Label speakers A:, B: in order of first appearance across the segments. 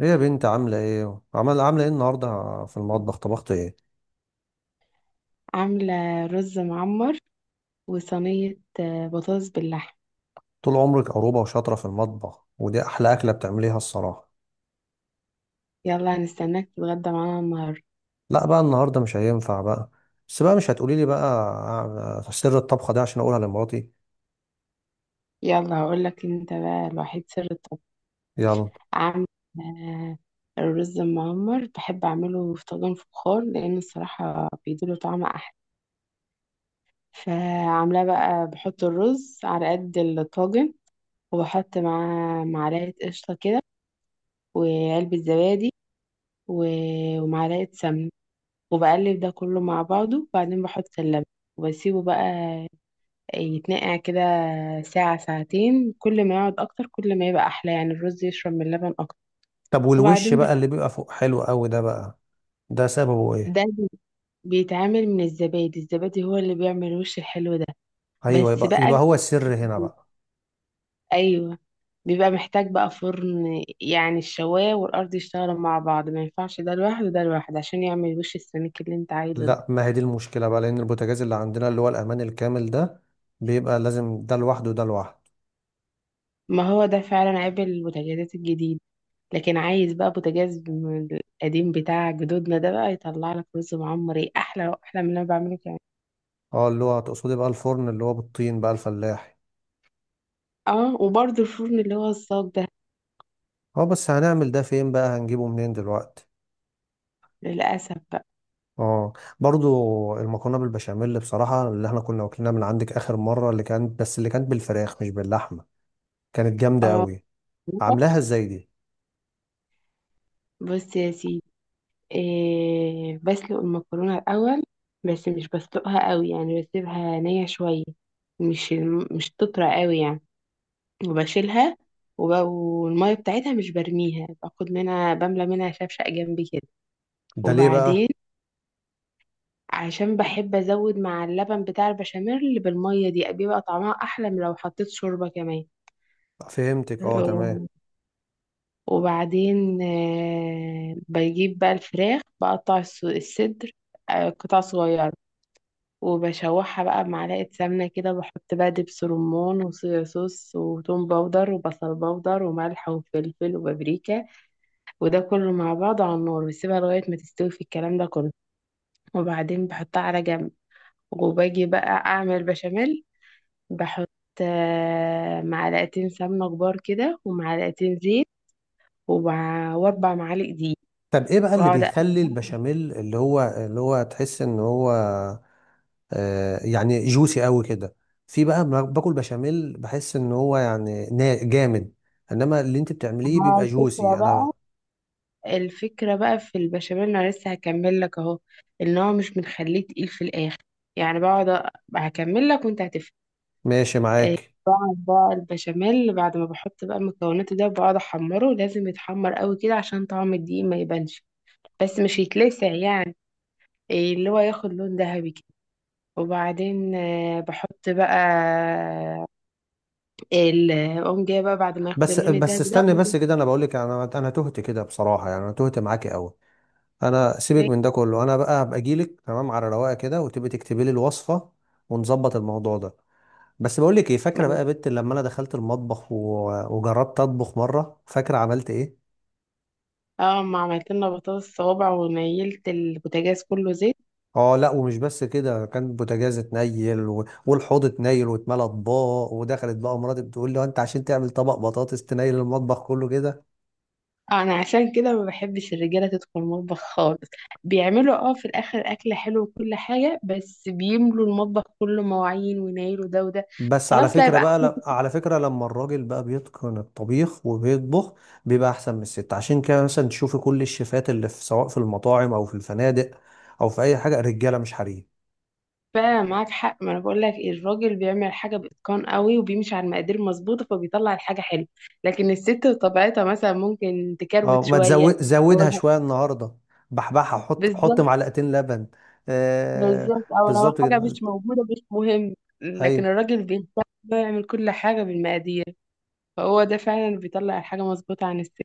A: ايه يا بنت عاملة ايه؟ عاملة ايه النهاردة في المطبخ؟ طبخت ايه؟
B: عاملة رز معمر، وصينية بطاطس باللحم.
A: طول عمرك عروبة وشاطرة في المطبخ ودي أحلى أكلة بتعمليها الصراحة.
B: يلا، هنستناك تتغدى معانا النهاردة.
A: لا بقى النهاردة مش هينفع بقى. بس بقى مش هتقولي لي بقى سر الطبخة ده عشان أقولها لمراتي.
B: يلا هقولك انت بقى الوحيد سر الطبخ.
A: يلا.
B: عاملة آه، الرز المعمر بحب أعمله في طاجن فخار، لأن الصراحة بيديله طعم أحلى. فعاملاه بقى بحط الرز على قد الطاجن، وبحط معاه معلقة قشطة كده، وعلبة زبادي، ومعلقة سمنة، وبقلب ده كله مع بعضه، وبعدين بحط اللبن وبسيبه بقى يتنقع كده ساعة ساعتين. كل ما يقعد أكتر كل ما يبقى أحلى، يعني الرز يشرب من اللبن أكتر.
A: طب والوش
B: وبعدين
A: بقى اللي بيبقى فوق حلو قوي ده بقى، ده سببه ايه؟
B: ده بي- بيتعمل من الزبادي. الزبادي هو اللي بيعمل الوش الحلو ده.
A: أيوه،
B: بس
A: يبقى
B: بقى
A: هو السر هنا
B: بي-
A: بقى.
B: أيوه، بيبقى محتاج بقى فرن، يعني الشواية والأرض يشتغلوا مع بعض، ما ينفعش ده لوحده وده لوحده، عشان يعمل وش السميك اللي انت عايزه ده.
A: لا، ما هي دي المشكلة بقى، لأن البوتاجاز اللي عندنا اللي هو الأمان الكامل ده بيبقى لازم ده لوحده وده لوحده.
B: ما هو ده فعلا عيب البوتاجازات الجديدة. لكن عايز بقى بوتاجاز من القديم بتاع جدودنا، ده بقى يطلع لك رز معمر ايه، احلى احلى من اللي انا بعمله كمان.
A: اه، اللي هو تقصدي بقى الفرن اللي هو بالطين بقى الفلاحي.
B: اه، وبرده الفرن اللي هو الصاج ده.
A: اه بس هنعمل ده فين بقى، هنجيبه منين دلوقتي؟
B: للاسف بقى.
A: اه. برضو المكرونه بالبشاميل بصراحه اللي احنا كنا واكلينها من عندك اخر مره، اللي كانت، بس اللي كانت بالفراخ مش باللحمه، كانت جامده
B: اه.
A: قوي. عاملاها ازاي دي؟
B: بص يا سيدي، إيه، بسلق المكرونه الاول، بس مش بسلقها قوي، يعني بسيبها نيه شويه، مش مش تطرى قوي يعني. وبشيلها، والميه بتاعتها مش برميها، باخد منها، بملى منها شفشق جنبي كده.
A: ده ليه
B: وبعدين
A: بقى؟
B: عشان بحب ازود مع اللبن بتاع البشاميل بالميه دي، بيبقى طعمها احلى من لو حطيت شوربه كمان.
A: فهمتك، اه تمام.
B: و- وبعدين بجيب بقى الفراخ، بقطع الصدر، قطع صغيره. وبشوحها بقى بمعلقه سمنه كده، بحط بقى دبس رمان وصويا صوص وتوم باودر وبصل باودر وملح وفلفل وبابريكا، وده كله مع بعضه على النار، واسيبها لغايه ما تستوي في الكلام ده كله. وبعدين بحطها على جنب، وباجي بقى اعمل بشاميل. بحط معلقتين سمنة كبار كده، ومعلقتين زيت، واربع معالق دقيق،
A: طب ايه بقى اللي
B: واقعد
A: بيخلي
B: أقلب.
A: البشاميل اللي هو تحس ان هو آه يعني جوسي قوي كده؟ في بقى ما باكل بشاميل بحس ان هو يعني جامد، انما اللي انت بتعمليه
B: مع
A: بيبقى
B: الفكرة
A: جوسي. انا
B: بقى، الفكرة بقى في البشاميل انا لسه هكمل لك اهو، ان هو مش بنخليه تقيل في الاخر، يعني بقعد هكمل لك وانت هتفهم.
A: ماشي
B: آه،
A: معاك.
B: بقعد بقى البشاميل بعد ما بحط بقى المكونات ده، بقعد احمره، لازم يتحمر قوي كده عشان طعم الدقيق ما يبانش، بس مش يتلسع يعني، إيه، اللي هو ياخد لون ذهبي. وبعدين بحط بقى اقوم جايه بقى بعد ما ياخد
A: بس
B: اللون
A: بس
B: الدهبي ده،
A: استني
B: اقوم
A: بس كده، انا بقول لك، انا تهت كده بصراحه، يعني انا تهت معاكي قوي. انا سيبك
B: جايه-
A: من ده كله، انا بقى هبقى اجي لك تمام على رواقه كده وتبقي تكتبي لي الوصفه، ونظبط الموضوع ده. بس بقول لك ايه، فاكره بقى يا بت لما انا دخلت المطبخ وجربت اطبخ مره، فاكره عملت ايه؟
B: اه، ما عملت لنا بطاطس صوابع ونيلت البوتاجاز كله زيت.
A: اه لا، ومش بس كده، كان البوتاجاز اتنيل والحوض اتنيل واتملى اطباق، ودخلت بقى مراتي بتقول لي: "هو انت عشان تعمل طبق بطاطس تنيل المطبخ كله كده؟"
B: انا عشان كده ما بحبش الرجاله تدخل المطبخ خالص، بيعملوا في الاخر اكل حلو وكل حاجه، بس بيملوا المطبخ كله مواعين وينيلوا ده وده.
A: بس على
B: خلاص، لا
A: فكرة
B: يبقى
A: بقى
B: احنا
A: على فكرة لما الراجل بقى بيتقن الطبيخ وبيطبخ بيبقى أحسن من الست، عشان كده مثلا تشوفي كل الشيفات اللي في، سواء في المطاعم أو في الفنادق أو في أي حاجة، رجالة مش حريم.
B: فعلا معاك حق. ما انا بقول لك الراجل بيعمل حاجه باتقان قوي، وبيمشي على المقادير مظبوطه، فبيطلع الحاجه حلوه. لكن الست بطبيعتها مثلا ممكن تكروت
A: اه ما
B: شويه،
A: تزود،
B: او
A: زودها
B: الح-
A: شوية النهاردة، بحبحها، حط
B: بالظبط.
A: معلقتين لبن. آه.
B: بالظبط، او لو
A: بالظبط
B: حاجه
A: كده.
B: مش موجوده مش مهم. لكن
A: أيوه.
B: الراجل بيهتم، بيعمل كل حاجه بالمقادير، فهو ده فعلا اللي بيطلع الحاجه مظبوطه عن الست.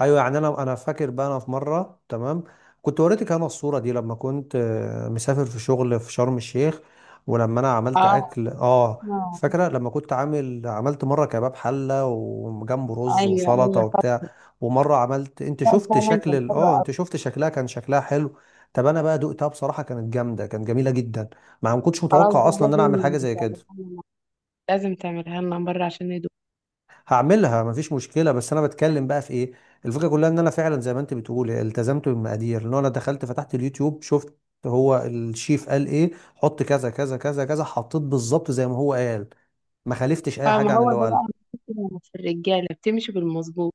A: ايوه يعني، انا فاكر بقى، انا في مره تمام كنت وريتك انا الصوره دي، لما كنت مسافر في شغل في شرم الشيخ، ولما انا عملت
B: اه.
A: اكل اه،
B: آه.
A: فاكره لما كنت عملت مره كباب حله وجنبه رز
B: ايوه،
A: وسلطه
B: ايوه،
A: وبتاع، ومره عملت، انت شفت
B: فعلا
A: شكل
B: كان حلو
A: اه
B: أوي.
A: انت شفت شكلها، كان شكلها حلو. طب انا بقى دقتها بصراحه كانت جامده، كانت جميله جدا. ما كنتش
B: خلاص
A: متوقع
B: بقى،
A: اصلا ان انا اعمل
B: لازم
A: حاجه زي كده.
B: تعملها لنا، لازم تعملها لنا مره، عشان
A: هعملها مفيش مشكله، بس انا بتكلم بقى في ايه، الفكره كلها ان انا فعلا زي ما انت بتقولي التزمت بالمقادير، ان انا دخلت فتحت اليوتيوب، شفت هو الشيف قال ايه، حط كذا كذا كذا كذا، حطيت بالظبط زي ما هو قال، ما خالفتش اي
B: فما
A: حاجه عن
B: هو
A: اللي هو
B: ده
A: قال.
B: بقى الفكرة في الرجالة بتمشي بالمظبوط.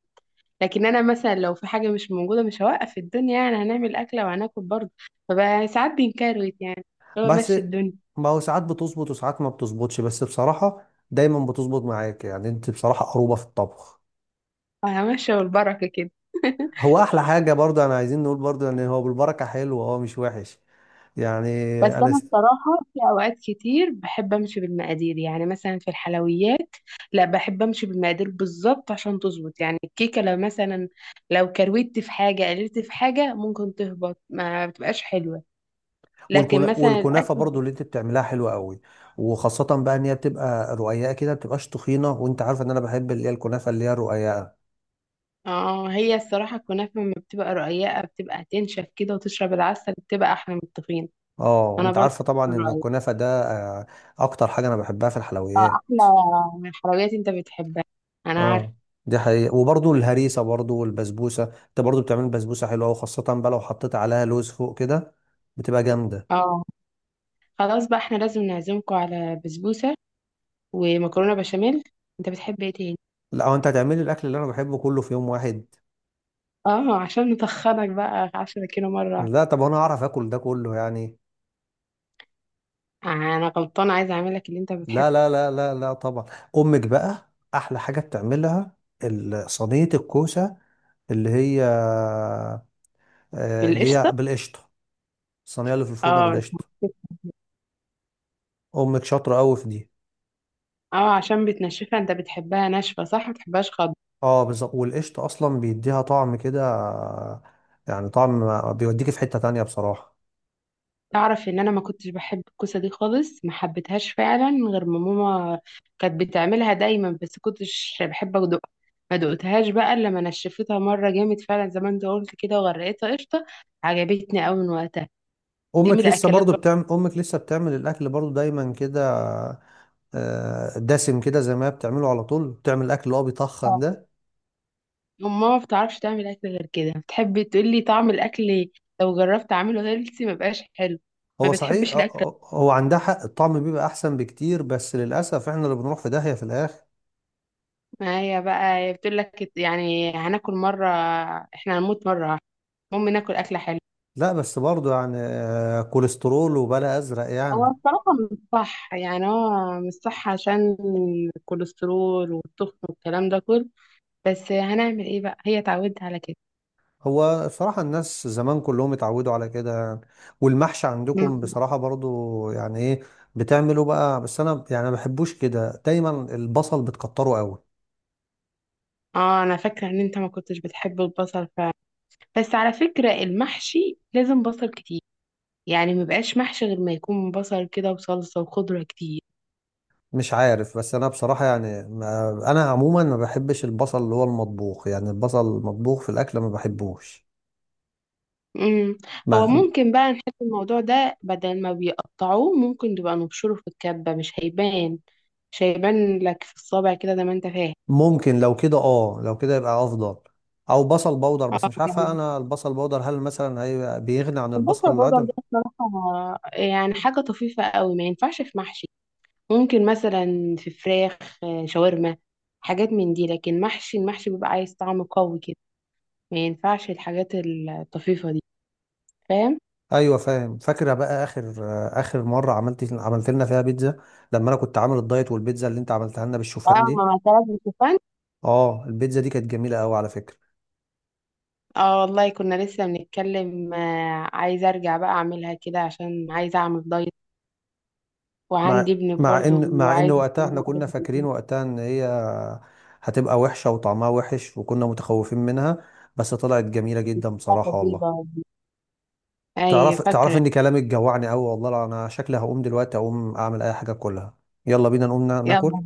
B: لكن أنا مثلا لو في حاجة مش موجودة مش هوقف الدنيا، يعني هنعمل أكلة وهناكل برضه. فبقى ساعات بينكروت يعني، هو
A: بس
B: ماشي الدنيا.
A: ما هو ساعات بتظبط وساعات ما بتظبطش، بس بصراحه دايما بتظبط معاك، يعني انت بصراحه قروبه في الطبخ.
B: همشي بالبركة كده.
A: هو احلى حاجه برضه انا عايزين نقول برضه ان هو بالبركه حلو، هو مش وحش يعني.
B: بس
A: انا
B: أنا الصراحة في أوقات كتير بحب أمشي بالمقادير، يعني مثلا في الحلويات، لا بحب أمشي بالمقادير بالظبط عشان تظبط. يعني الكيكة لو مثلا لو كروت في حاجة، قللت في حاجة، ممكن تهبط، ما بتبقاش حلوة. لكن مثلا الأكل.
A: والكنافه برضو اللي انت بتعملها حلوه قوي، وخاصه بقى ان هي بتبقى رقيقه كده، ما بتبقاش تخينه، وانت عارفه ان انا بحب اللي هي الكنافه اللي هي الرقيقه.
B: اه، هي الصراحة الكنافة لما بتبقى رقيقة بتبقى هتنشف كده وتشرب العسل، بتبقى أحلى من الطحين.
A: اه
B: أنا
A: وانت
B: برضه
A: عارفه طبعا ان
B: رأيي،
A: الكنافه ده آه، اكتر حاجه انا بحبها في
B: اه،
A: الحلويات.
B: أحلى من الحلويات أنت بتحبها، أنا
A: اه،
B: عارفة.
A: دي حقيقة. وبرضو الهريسة برضو والبسبوسة، انت برضو بتعمل بسبوسة حلوة، وخاصة بقى لو حطيت عليها لوز فوق كده بتبقى جامدة.
B: اه. خلاص بقى احنا لازم نعزمكم على بسبوسة ومكرونة بشاميل. أنت بتحب إيه تاني؟
A: لا، هو انت هتعملي الاكل اللي انا بحبه كله في يوم واحد؟
B: اه، عشان نتخنك بقى 10 كيلو مرة واحدة.
A: لا طب انا اعرف اكل ده كله يعني؟
B: أنا غلطانة، عايزة أعملك اللي أنت بتحبه.
A: لا لا لا لا لا طبعا. امك بقى، احلى حاجه بتعملها صينيه الكوسه، اللي هي اللي
B: بالقشطة.
A: هي بالقشطه، الصينيه اللي في الفرن
B: اه.
A: بالقشطه، امك شاطره قوي في دي.
B: اه، عشان بتنشفها، أنت بتحبها ناشفة صح، ما بتحبهاش خضرا.
A: اه بالظبط، والقشطه اصلا بيديها طعم كده، يعني طعم بيوديك في حته تانية بصراحه.
B: تعرف ان انا ما كنتش بحب الكوسه دي خالص، ما حبيتهاش فعلا غير ما ماما كانت بتعملها دايما، بس كنتش بحب ادوقها. ما دقتهاش بقى الا لما نشفتها مره جامد فعلا زي ما انت قلت كده، وغرقتها قشطه، عجبتني قوي من وقتها. دي من
A: امك لسه
B: الاكلات
A: برضو
B: برضه.
A: بتعمل، امك لسه بتعمل الاكل برضو دايما كده، دسم كده، زي ما هي بتعمله على طول بتعمل الاكل اللي هو بيطخن ده.
B: ماما ما بتعرفش تعمل اكل غير كده، بتحب تقول لي طعم الاكل، لو جربت اعمله هيلثي ما بقاش حلو. ما
A: هو صحيح،
B: بتحبش الاكل.
A: هو عندها حق، الطعم بيبقى احسن بكتير، بس للاسف احنا اللي بنروح في داهية في الاخر.
B: ما هي بقى هي بتقول لك، يعني هناكل مره، احنا هنموت مره، المهم ناكل اكله حلوه.
A: لا بس برضه يعني، كوليسترول وبلا ازرق
B: هو
A: يعني.
B: الصراحة مش صح، يعني هو مش صح، عشان الكوليسترول والتخن والكلام ده كله، بس هنعمل ايه بقى هي اتعودت على كده.
A: هو بصراحة الناس زمان كلهم اتعودوا على كده يعني. والمحشي عندكم
B: مم.
A: بصراحة برضه يعني ايه، بتعملوا بقى، بس انا يعني ما بحبوش كده، دايما البصل بتكتره قوي.
B: اه، انا فاكرة ان انت ما كنتش بتحب البصل فعلا، بس على فكرة المحشي لازم بصل كتير، يعني مبقاش محشي غير ما يكون بصل كده وصلصة وخضرة كتير.
A: مش عارف، بس انا بصراحة يعني انا عموما ما بحبش البصل اللي هو المطبوخ، يعني البصل المطبوخ في الاكل ما بحبوش.
B: مم. هو
A: ما
B: ممكن بقى نحط الموضوع ده، بدل ما بيقطعوه، ممكن تبقى نبشره في الكبة، مش هيبان. مش هيبان لك في الصابع كده زي ما انت فاهم.
A: ممكن لو كده، اه لو كده يبقى افضل. او بصل بودر، بس
B: اه،
A: مش عارفه انا البصل بودر هل مثلا هي بيغني عن
B: البصل
A: البصل
B: برضه
A: العادي؟
B: عندنا بصراحة يعني حاجة طفيفة قوي، ما ينفعش في محشي. ممكن مثلا في فراخ، شاورما، حاجات من دي. لكن محشي، المحشي بيبقى عايز طعم قوي كده، ما ينفعش الحاجات الطفيفة دي. فاهم.
A: ايوه فاهم. فاكره بقى اخر، اخر مره عملت، عملت لنا فيها بيتزا، لما انا كنت عامل الدايت، والبيتزا اللي انت عملتها لنا
B: اه،
A: بالشوفان دي،
B: ما طلب الشوفان.
A: اه البيتزا دي كانت جميله قوي على فكره.
B: اه والله، كنا لسه بنتكلم، عايزة ارجع بقى اعملها كده عشان عايزة اعمل دايت. وعندي
A: مع
B: ابن
A: مع
B: برضه
A: ان مع ان
B: وعايز
A: وقتها
B: يعمل
A: احنا
B: حاجات
A: كنا فاكرين وقتها ان هي هتبقى وحشه وطعمها وحش، وكنا متخوفين منها، بس طلعت جميله جدا بصراحه والله.
B: جديدة. اي،
A: تعرف
B: فاكرة.
A: ان كلامك جوعني قوي والله، لا انا شكلي هقوم دلوقتي اقوم اعمل اي حاجه كلها. يلا بينا نقوم ناكل.
B: يلا.